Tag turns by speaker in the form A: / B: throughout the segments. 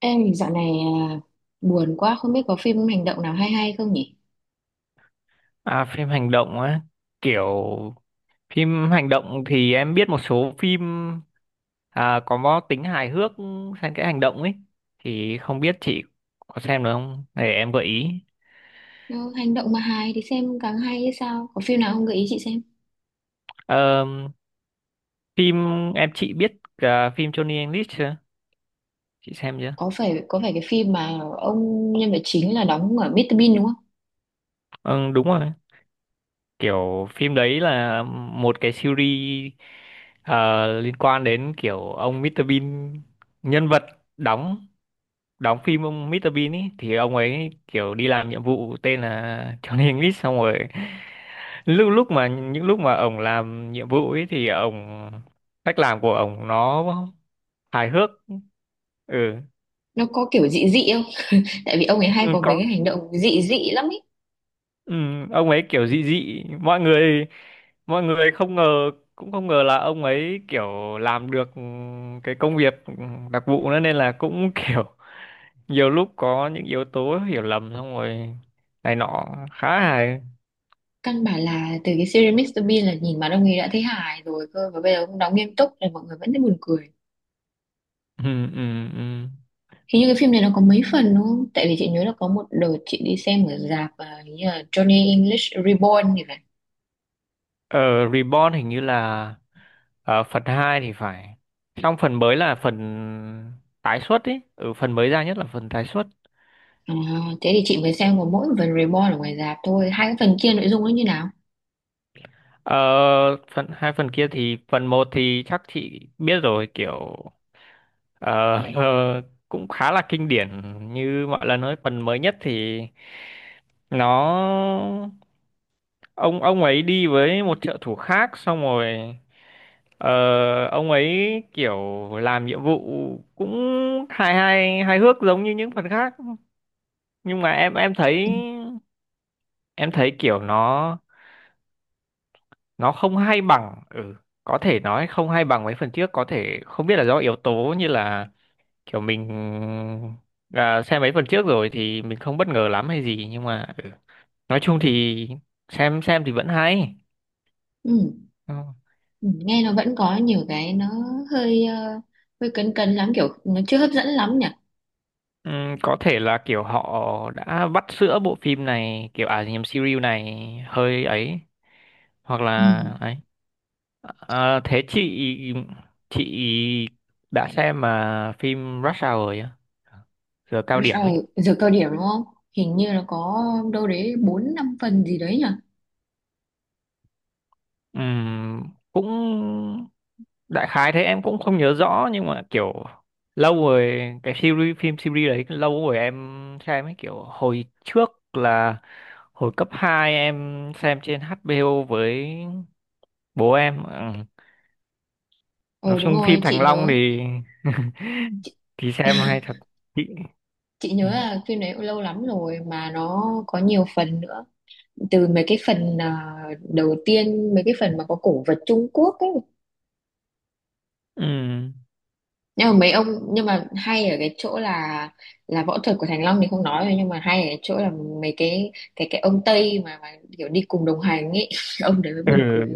A: Em dạo này à, buồn quá không biết có phim hành động nào hay hay không nhỉ?
B: À, phim hành động á, kiểu phim hành động thì em biết một số phim, à, có tính hài hước xen kẽ hành động ấy, thì không biết chị có xem được không? Để em gợi ý.
A: Nó hành động mà hài thì xem càng hay hay sao? Có phim nào không gợi ý chị xem?
B: Ờ, phim em chị biết cả phim Johnny English chưa? Chị xem chưa?
A: Có phải cái phim mà ông nhân vật chính là đóng ở Mr. Bean đúng không?
B: Ừ, đúng rồi. Kiểu phim đấy là một cái series, liên quan đến kiểu ông Mr. Bean nhân vật đóng đóng phim ông Mr. Bean ấy thì ông ấy kiểu đi làm nhiệm vụ tên là Johnny English, xong rồi lúc lúc mà những lúc mà ông làm nhiệm vụ ấy thì ông, cách làm của ông nó hài hước. Ừ,
A: Nó có kiểu dị dị không? Tại vì ông ấy hay
B: ừ
A: có mấy
B: có,
A: cái hành động dị dị lắm ấy.
B: ừ, ông ấy kiểu dị dị, mọi người không ngờ, cũng không ngờ là ông ấy kiểu làm được cái công việc đặc vụ nữa, nên là cũng kiểu nhiều lúc có những yếu tố hiểu lầm, xong rồi này nọ, khá hài.
A: Căn bản là từ cái series Mr. Bean là nhìn mặt ông ấy đã thấy hài rồi cơ, và bây giờ ông đóng nghiêm túc là mọi người vẫn thấy buồn cười.
B: Ừ ừ ừ
A: Hình như cái phim này nó có mấy phần đúng không? Tại vì chị nhớ là có một đợt chị đi xem ở rạp, hình như là Johnny English Reborn thì phải.
B: ở Reborn hình như là ở phần 2 thì phải, xong phần mới là phần tái xuất ý, ừ, phần mới ra nhất là phần tái xuất.
A: À, thế thì chị mới xem có mỗi phần Reborn ở ngoài rạp thôi, hai cái phần kia nội dung nó như nào?
B: ờ, Phần hai phần kia thì phần một thì chắc chị biết rồi kiểu, ờ, ờ, cũng khá là kinh điển như mọi lần. Nói phần mới nhất thì nó, ông ấy đi với một trợ thủ khác, xong rồi ờ, ông ấy kiểu làm nhiệm vụ cũng hài hài hài hước giống như những phần khác, nhưng mà em thấy,
A: Ừ.
B: em thấy kiểu nó không hay bằng, ừ, có thể nói không hay bằng mấy phần trước, có thể không biết là do yếu tố như là kiểu mình, xem mấy phần trước rồi thì mình không bất ngờ lắm hay gì, nhưng mà ừ. Nói chung thì xem thì vẫn hay.
A: Ừ.
B: Ờ.
A: Ừ. Nghe nó vẫn có nhiều cái nó hơi hơi cấn cấn lắm, kiểu nó chưa hấp dẫn lắm nhỉ.
B: Ừm, có thể là kiểu họ đã vắt sữa bộ phim này kiểu, à nhầm, series này hơi ấy, hoặc
A: Ừ.
B: là ấy. À, thế chị đã xem mà phim Rush Hour rồi á, giờ cao
A: Rồi
B: điểm ấy.
A: giờ cao điểm đúng không, hình như nó có đâu đấy bốn năm phần gì đấy nhỉ.
B: Ừm, cũng đại khái thế, em cũng không nhớ rõ, nhưng mà kiểu lâu rồi, cái series phim, series đấy lâu rồi em xem ấy, kiểu hồi trước là hồi cấp 2 em xem trên HBO với bố em. Ừ. Nói
A: Ờ đúng
B: chung
A: rồi
B: phim
A: chị
B: Thành Long
A: nhớ,
B: thì thì xem hay thật chị.
A: chị
B: Ừ.
A: nhớ là phim đấy lâu lắm rồi mà nó có nhiều phần nữa, từ mấy cái phần đầu tiên, mấy cái phần mà có cổ vật Trung Quốc ấy,
B: Ừ.
A: nhưng mà mấy ông, nhưng mà hay ở cái chỗ là võ thuật của Thành Long thì không nói rồi, nhưng mà hay ở cái chỗ là mấy cái cái ông Tây mà kiểu đi cùng đồng hành ấy, ông đấy mới
B: Ừ.
A: buồn cười.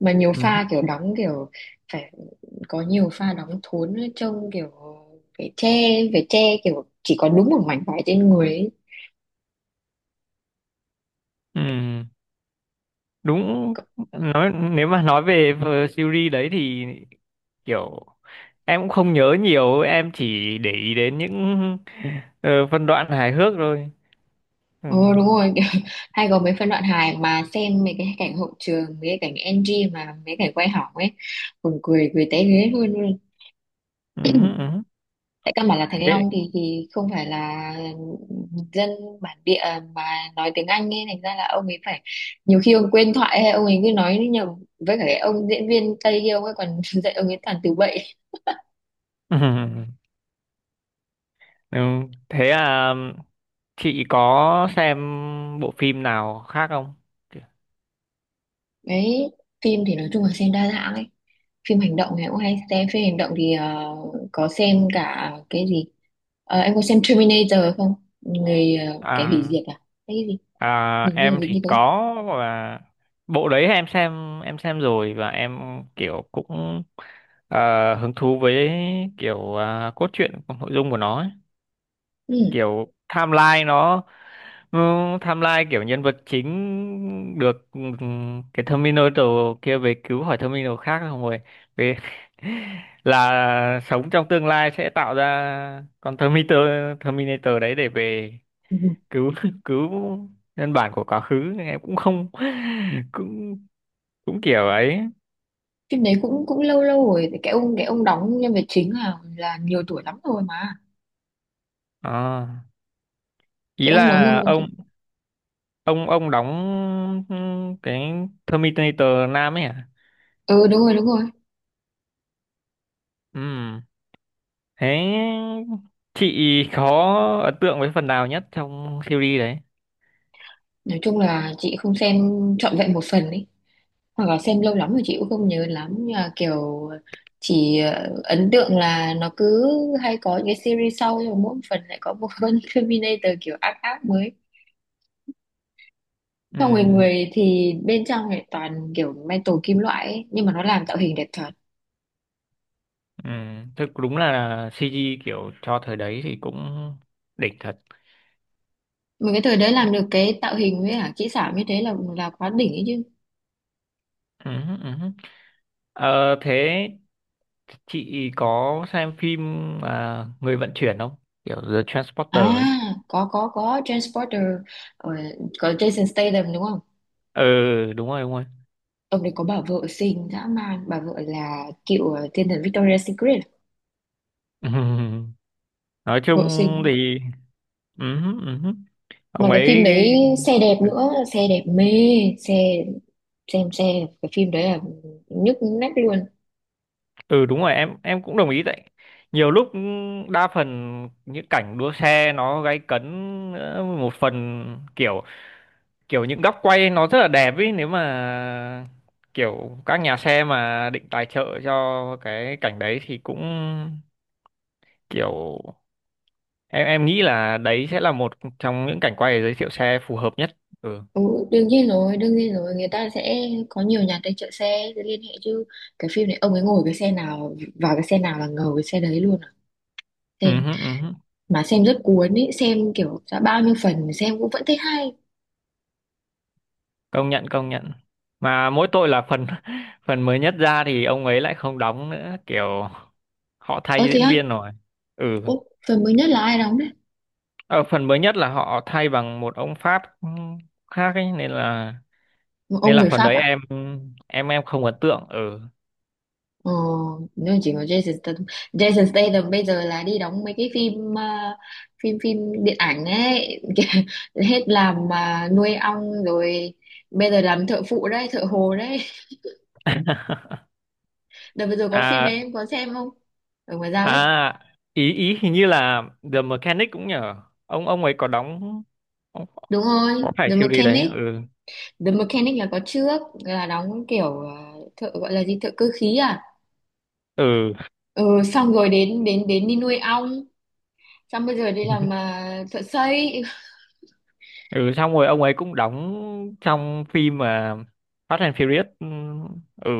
A: Mà nhiều
B: Ừ.
A: pha kiểu đóng kiểu phải, có nhiều pha đóng thốn ấy, trông kiểu phải che, phải che kiểu chỉ có đúng một mảnh vải trên người ấy.
B: Ừ. Đúng, nói nếu mà nói về series đấy thì kiểu em cũng không nhớ nhiều, em chỉ để ý đến những phân đoạn hài hước thôi. Ừ.
A: Ừ, đúng rồi kiểu, hay có mấy phân đoạn hài mà xem mấy cái cảnh hậu trường, mấy cái cảnh NG mà mấy cảnh quay hỏng ấy, buồn cười cười té ghế luôn.
B: Ừ, ừ.
A: Tại căn bản là Thành
B: Thế
A: Long thì không phải là dân bản địa mà nói tiếng Anh ấy, thành ra là ông ấy phải, nhiều khi ông quên thoại hay ông ấy cứ nói nhầm, với cả cái ông diễn viên Tây kia ông ấy còn dạy ông ấy toàn từ bậy.
B: ừ. Ừ. Thế à, chị có xem bộ phim nào khác không?
A: Đấy, phim thì nói chung là xem đa dạng ấy, phim hành động thì cũng hay xem, phim hành động thì có xem cả cái gì. Ờ, em có xem Terminator không? Người, kẻ hủy
B: À.
A: diệt à, cái gì,
B: À,
A: hình như là
B: em
A: gì
B: thì
A: như thế.
B: có. Và bộ đấy em xem, em xem rồi, và em kiểu cũng hứng thú với kiểu, à, cốt truyện, nội dung của nó ấy. Kiểu timeline nó, ừ, timeline kiểu nhân vật chính được, ừ, cái Terminator kia về cứu khỏi Terminator khác không, rồi về là sống trong tương lai sẽ tạo ra con Terminator, Terminator đấy để về
A: Ừ.
B: cứu cứu nhân bản của quá khứ. Em cũng không cũng cũng kiểu ấy.
A: Phim đấy cũng cũng lâu lâu rồi, cái ông, cái ông đóng nhân vật chính là nhiều tuổi lắm rồi mà.
B: Ờ, ý
A: Cái ông đóng nhân
B: là
A: vật chính-
B: ông, ông đóng, ừ, cái Terminator nam ấy à.
A: Ừ đúng rồi, đúng rồi.
B: Ừ, thế chị có ấn tượng với phần nào nhất trong series đấy?
A: Nói chung là chị không xem trọn vẹn một phần ấy, hoặc là xem lâu lắm rồi chị cũng không nhớ lắm, nhưng mà kiểu chỉ ấn tượng là nó cứ hay có những cái series sau, rồi mỗi phần lại có một con Terminator kiểu ác ác mới.
B: Ừ
A: Xong rồi người thì bên trong lại toàn kiểu metal, kim loại ấy, nhưng mà nó làm tạo hình đẹp thật.
B: ừ, thực đúng là CG kiểu cho thời đấy thì cũng đỉnh thật.
A: Một cái thời đấy làm được cái tạo hình với cả kỹ xảo như thế là quá đỉnh ấy chứ.
B: Ừ, ừ. Ừ. Ờ, thế chị có xem phim, à, người vận chuyển không, kiểu The
A: À,
B: Transporter ấy?
A: có Transporter, ờ, có Jason Statham đúng không?
B: Ừ đúng rồi
A: Ông đấy có bà vợ xinh dã man, bà vợ là cựu, thiên thần Victoria's Secret,
B: Ừm, nói
A: vợ
B: chung
A: xinh.
B: thì ừ.
A: Mà
B: Ông
A: cái phim
B: ấy,
A: đấy xe đẹp nữa, xe đẹp mê, xe, xem xe, cái phim đấy là nhức nách luôn.
B: ừ đúng rồi, em cũng đồng ý đấy. Nhiều lúc đa phần những cảnh đua xe nó gay cấn, một phần kiểu, kiểu những góc quay nó rất là đẹp ấy, nếu mà kiểu các nhà xe mà định tài trợ cho cái cảnh đấy thì cũng kiểu, em nghĩ là đấy sẽ là một trong những cảnh quay để giới thiệu xe phù hợp nhất. Ừ,
A: Ừ, đương nhiên rồi, người ta sẽ có nhiều nhà tài trợ xe để liên hệ chứ. Cái phim này ông ấy ngồi cái xe nào, vào cái xe nào là ngầu cái xe đấy luôn à.
B: ừ,
A: Xem
B: hứ, ừ, hứ.
A: mà xem rất cuốn ý, xem kiểu đã bao nhiêu phần mà xem cũng vẫn thấy hay.
B: Công nhận công nhận, mà mỗi tội là phần phần mới nhất ra thì ông ấy lại không đóng nữa, kiểu họ thay
A: Ơ thế
B: diễn
A: á,
B: viên rồi. Ừ,
A: ủa, phần mới nhất là ai đóng đấy?
B: ở phần mới nhất là họ thay bằng một ông Pháp, ừ, khác ấy, nên
A: Ông
B: là
A: người
B: phần
A: Pháp
B: đấy
A: à?
B: em, em không ấn tượng. Ừ
A: Ờ, nếu chỉ có Jason Statham. Jason Statham bây giờ là đi đóng mấy cái phim, phim điện ảnh ấy, kìa, hết làm mà nuôi ong rồi, bây giờ làm thợ phụ đấy, thợ hồ đấy. Đợt vừa rồi có phim đấy
B: à
A: em có xem không? Ở ngoài ra ấy.
B: à, ý ý hình như là The Mechanic cũng nhờ, ông ấy có đóng,
A: Đúng rồi,
B: có phải
A: The
B: siêu đi đấy.
A: Mechanic.
B: Ừ
A: The Mechanic là có trước là đóng kiểu, thợ gọi là gì, thợ cơ khí à?
B: ừ
A: Ừ, xong rồi đến đến đến đi nuôi ong, xong bây giờ đi làm thợ xây.
B: ừ, xong rồi ông ấy cũng đóng trong phim mà Fast and Furious, ừ, ừ,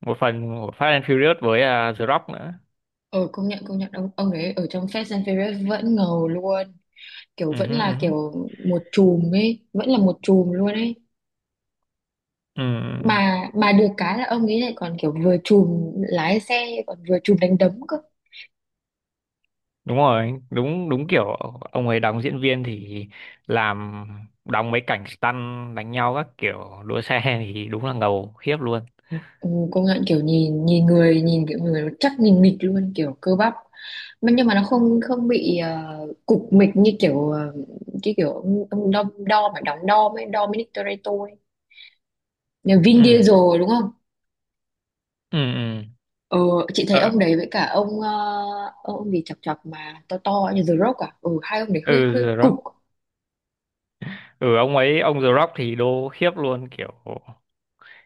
B: một phần của Fast and Furious với, à, The Rock nữa.
A: Ờ công nhận, công nhận, ông ấy ở trong Fast and Furious vẫn ngầu luôn, kiểu
B: Ừ,
A: vẫn
B: hứ, ừ,
A: là
B: hứ.
A: kiểu một chùm ấy, vẫn là một chùm luôn ấy.
B: Ừ.
A: Mà được cái là ông ấy lại còn kiểu vừa chùm lái xe còn vừa chùm đánh đấm cơ.
B: Đúng rồi đúng đúng kiểu, ông ấy đóng diễn viên thì làm, đóng mấy cảnh stunt đánh nhau, các kiểu đua xe thì đúng là ngầu khiếp luôn.
A: Ừ, công nhận kiểu nhìn, nhìn người nhìn kiểu người nó chắc, nhìn mịch luôn kiểu cơ bắp, mà nhưng mà nó không không bị cục mịch như kiểu cái kiểu ông đo, đo mà đóng đo ấy, Dominic Toretto ấy, nhà Vin
B: Ừ
A: Diesel đúng không?
B: ừ ừ
A: Ờ, chị thấy
B: ờ,
A: ông đấy với cả ông ông gì chọc chọc mà to to như The Rock à, ừ, hai ông đấy
B: ừ,
A: hơi hơi
B: The
A: cục.
B: Rock, ừ, ông ấy ông The Rock thì đô khiếp luôn kiểu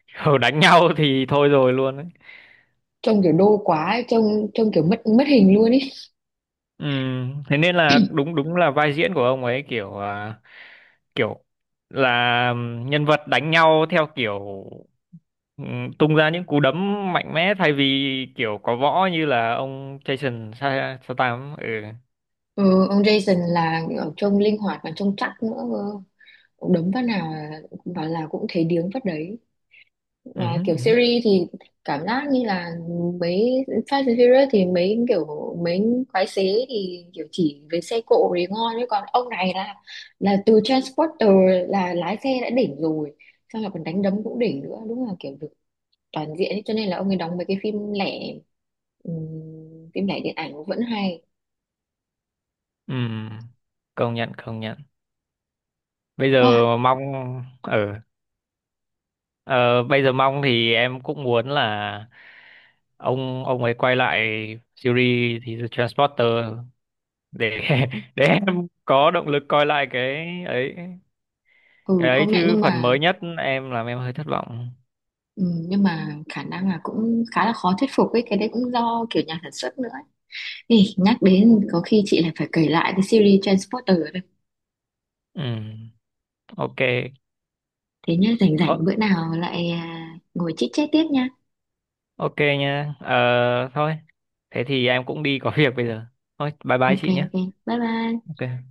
B: đánh nhau thì thôi rồi luôn ấy.
A: Trông kiểu đô quá ấy, trông trông kiểu mất mất hình luôn ý.
B: Ừ, thế nên là đúng, đúng là vai diễn của ông ấy kiểu, à, kiểu là nhân vật đánh nhau theo kiểu, ừ, tung ra những cú đấm mạnh mẽ thay vì kiểu có võ như là ông Statham. Ừ.
A: Ừ, ông Jason là kiểu trông linh hoạt mà trông chắc nữa cơ. Ông đấm phát nào vào là cũng thấy điếng phát đấy.
B: Ừ,
A: Và
B: ừ,
A: kiểu
B: ừ.
A: series thì cảm giác như là mấy Fast and Furious thì mấy kiểu, mấy quái xế thì kiểu chỉ với xe cộ thì ngon, chứ còn ông này là từ Transporter là lái xe đã đỉnh rồi, xong là còn đánh đấm cũng đỉnh nữa, đúng là kiểu được toàn diện ấy. Cho nên là ông ấy đóng mấy cái phim lẻ, phim lẻ điện ảnh cũng vẫn hay.
B: Ừ. Công nhận công nhận. Bây
A: À,
B: giờ mong, ừ. Ờ, bây giờ mong thì em cũng muốn là ông ấy quay lại series thì The Transporter để để em có động lực coi lại cái ấy,
A: ừ
B: cái ấy
A: công nhận,
B: chứ phần mới nhất em làm em hơi thất vọng.
A: nhưng mà khả năng là cũng khá là khó thuyết phục ấy, cái đấy cũng do kiểu nhà sản xuất nữa. Ê, nhắc đến có khi chị lại phải kể lại cái series Transporter đây.
B: Ừ ok.
A: Thế nhá, rảnh
B: Ờ,
A: rảnh bữa nào lại, ngồi chit chat tiếp nha.
B: ok nha, ờ thôi, thế thì em cũng đi có việc bây giờ, thôi bye bye
A: Ok
B: chị nhé.
A: ok, bye bye.
B: Ok.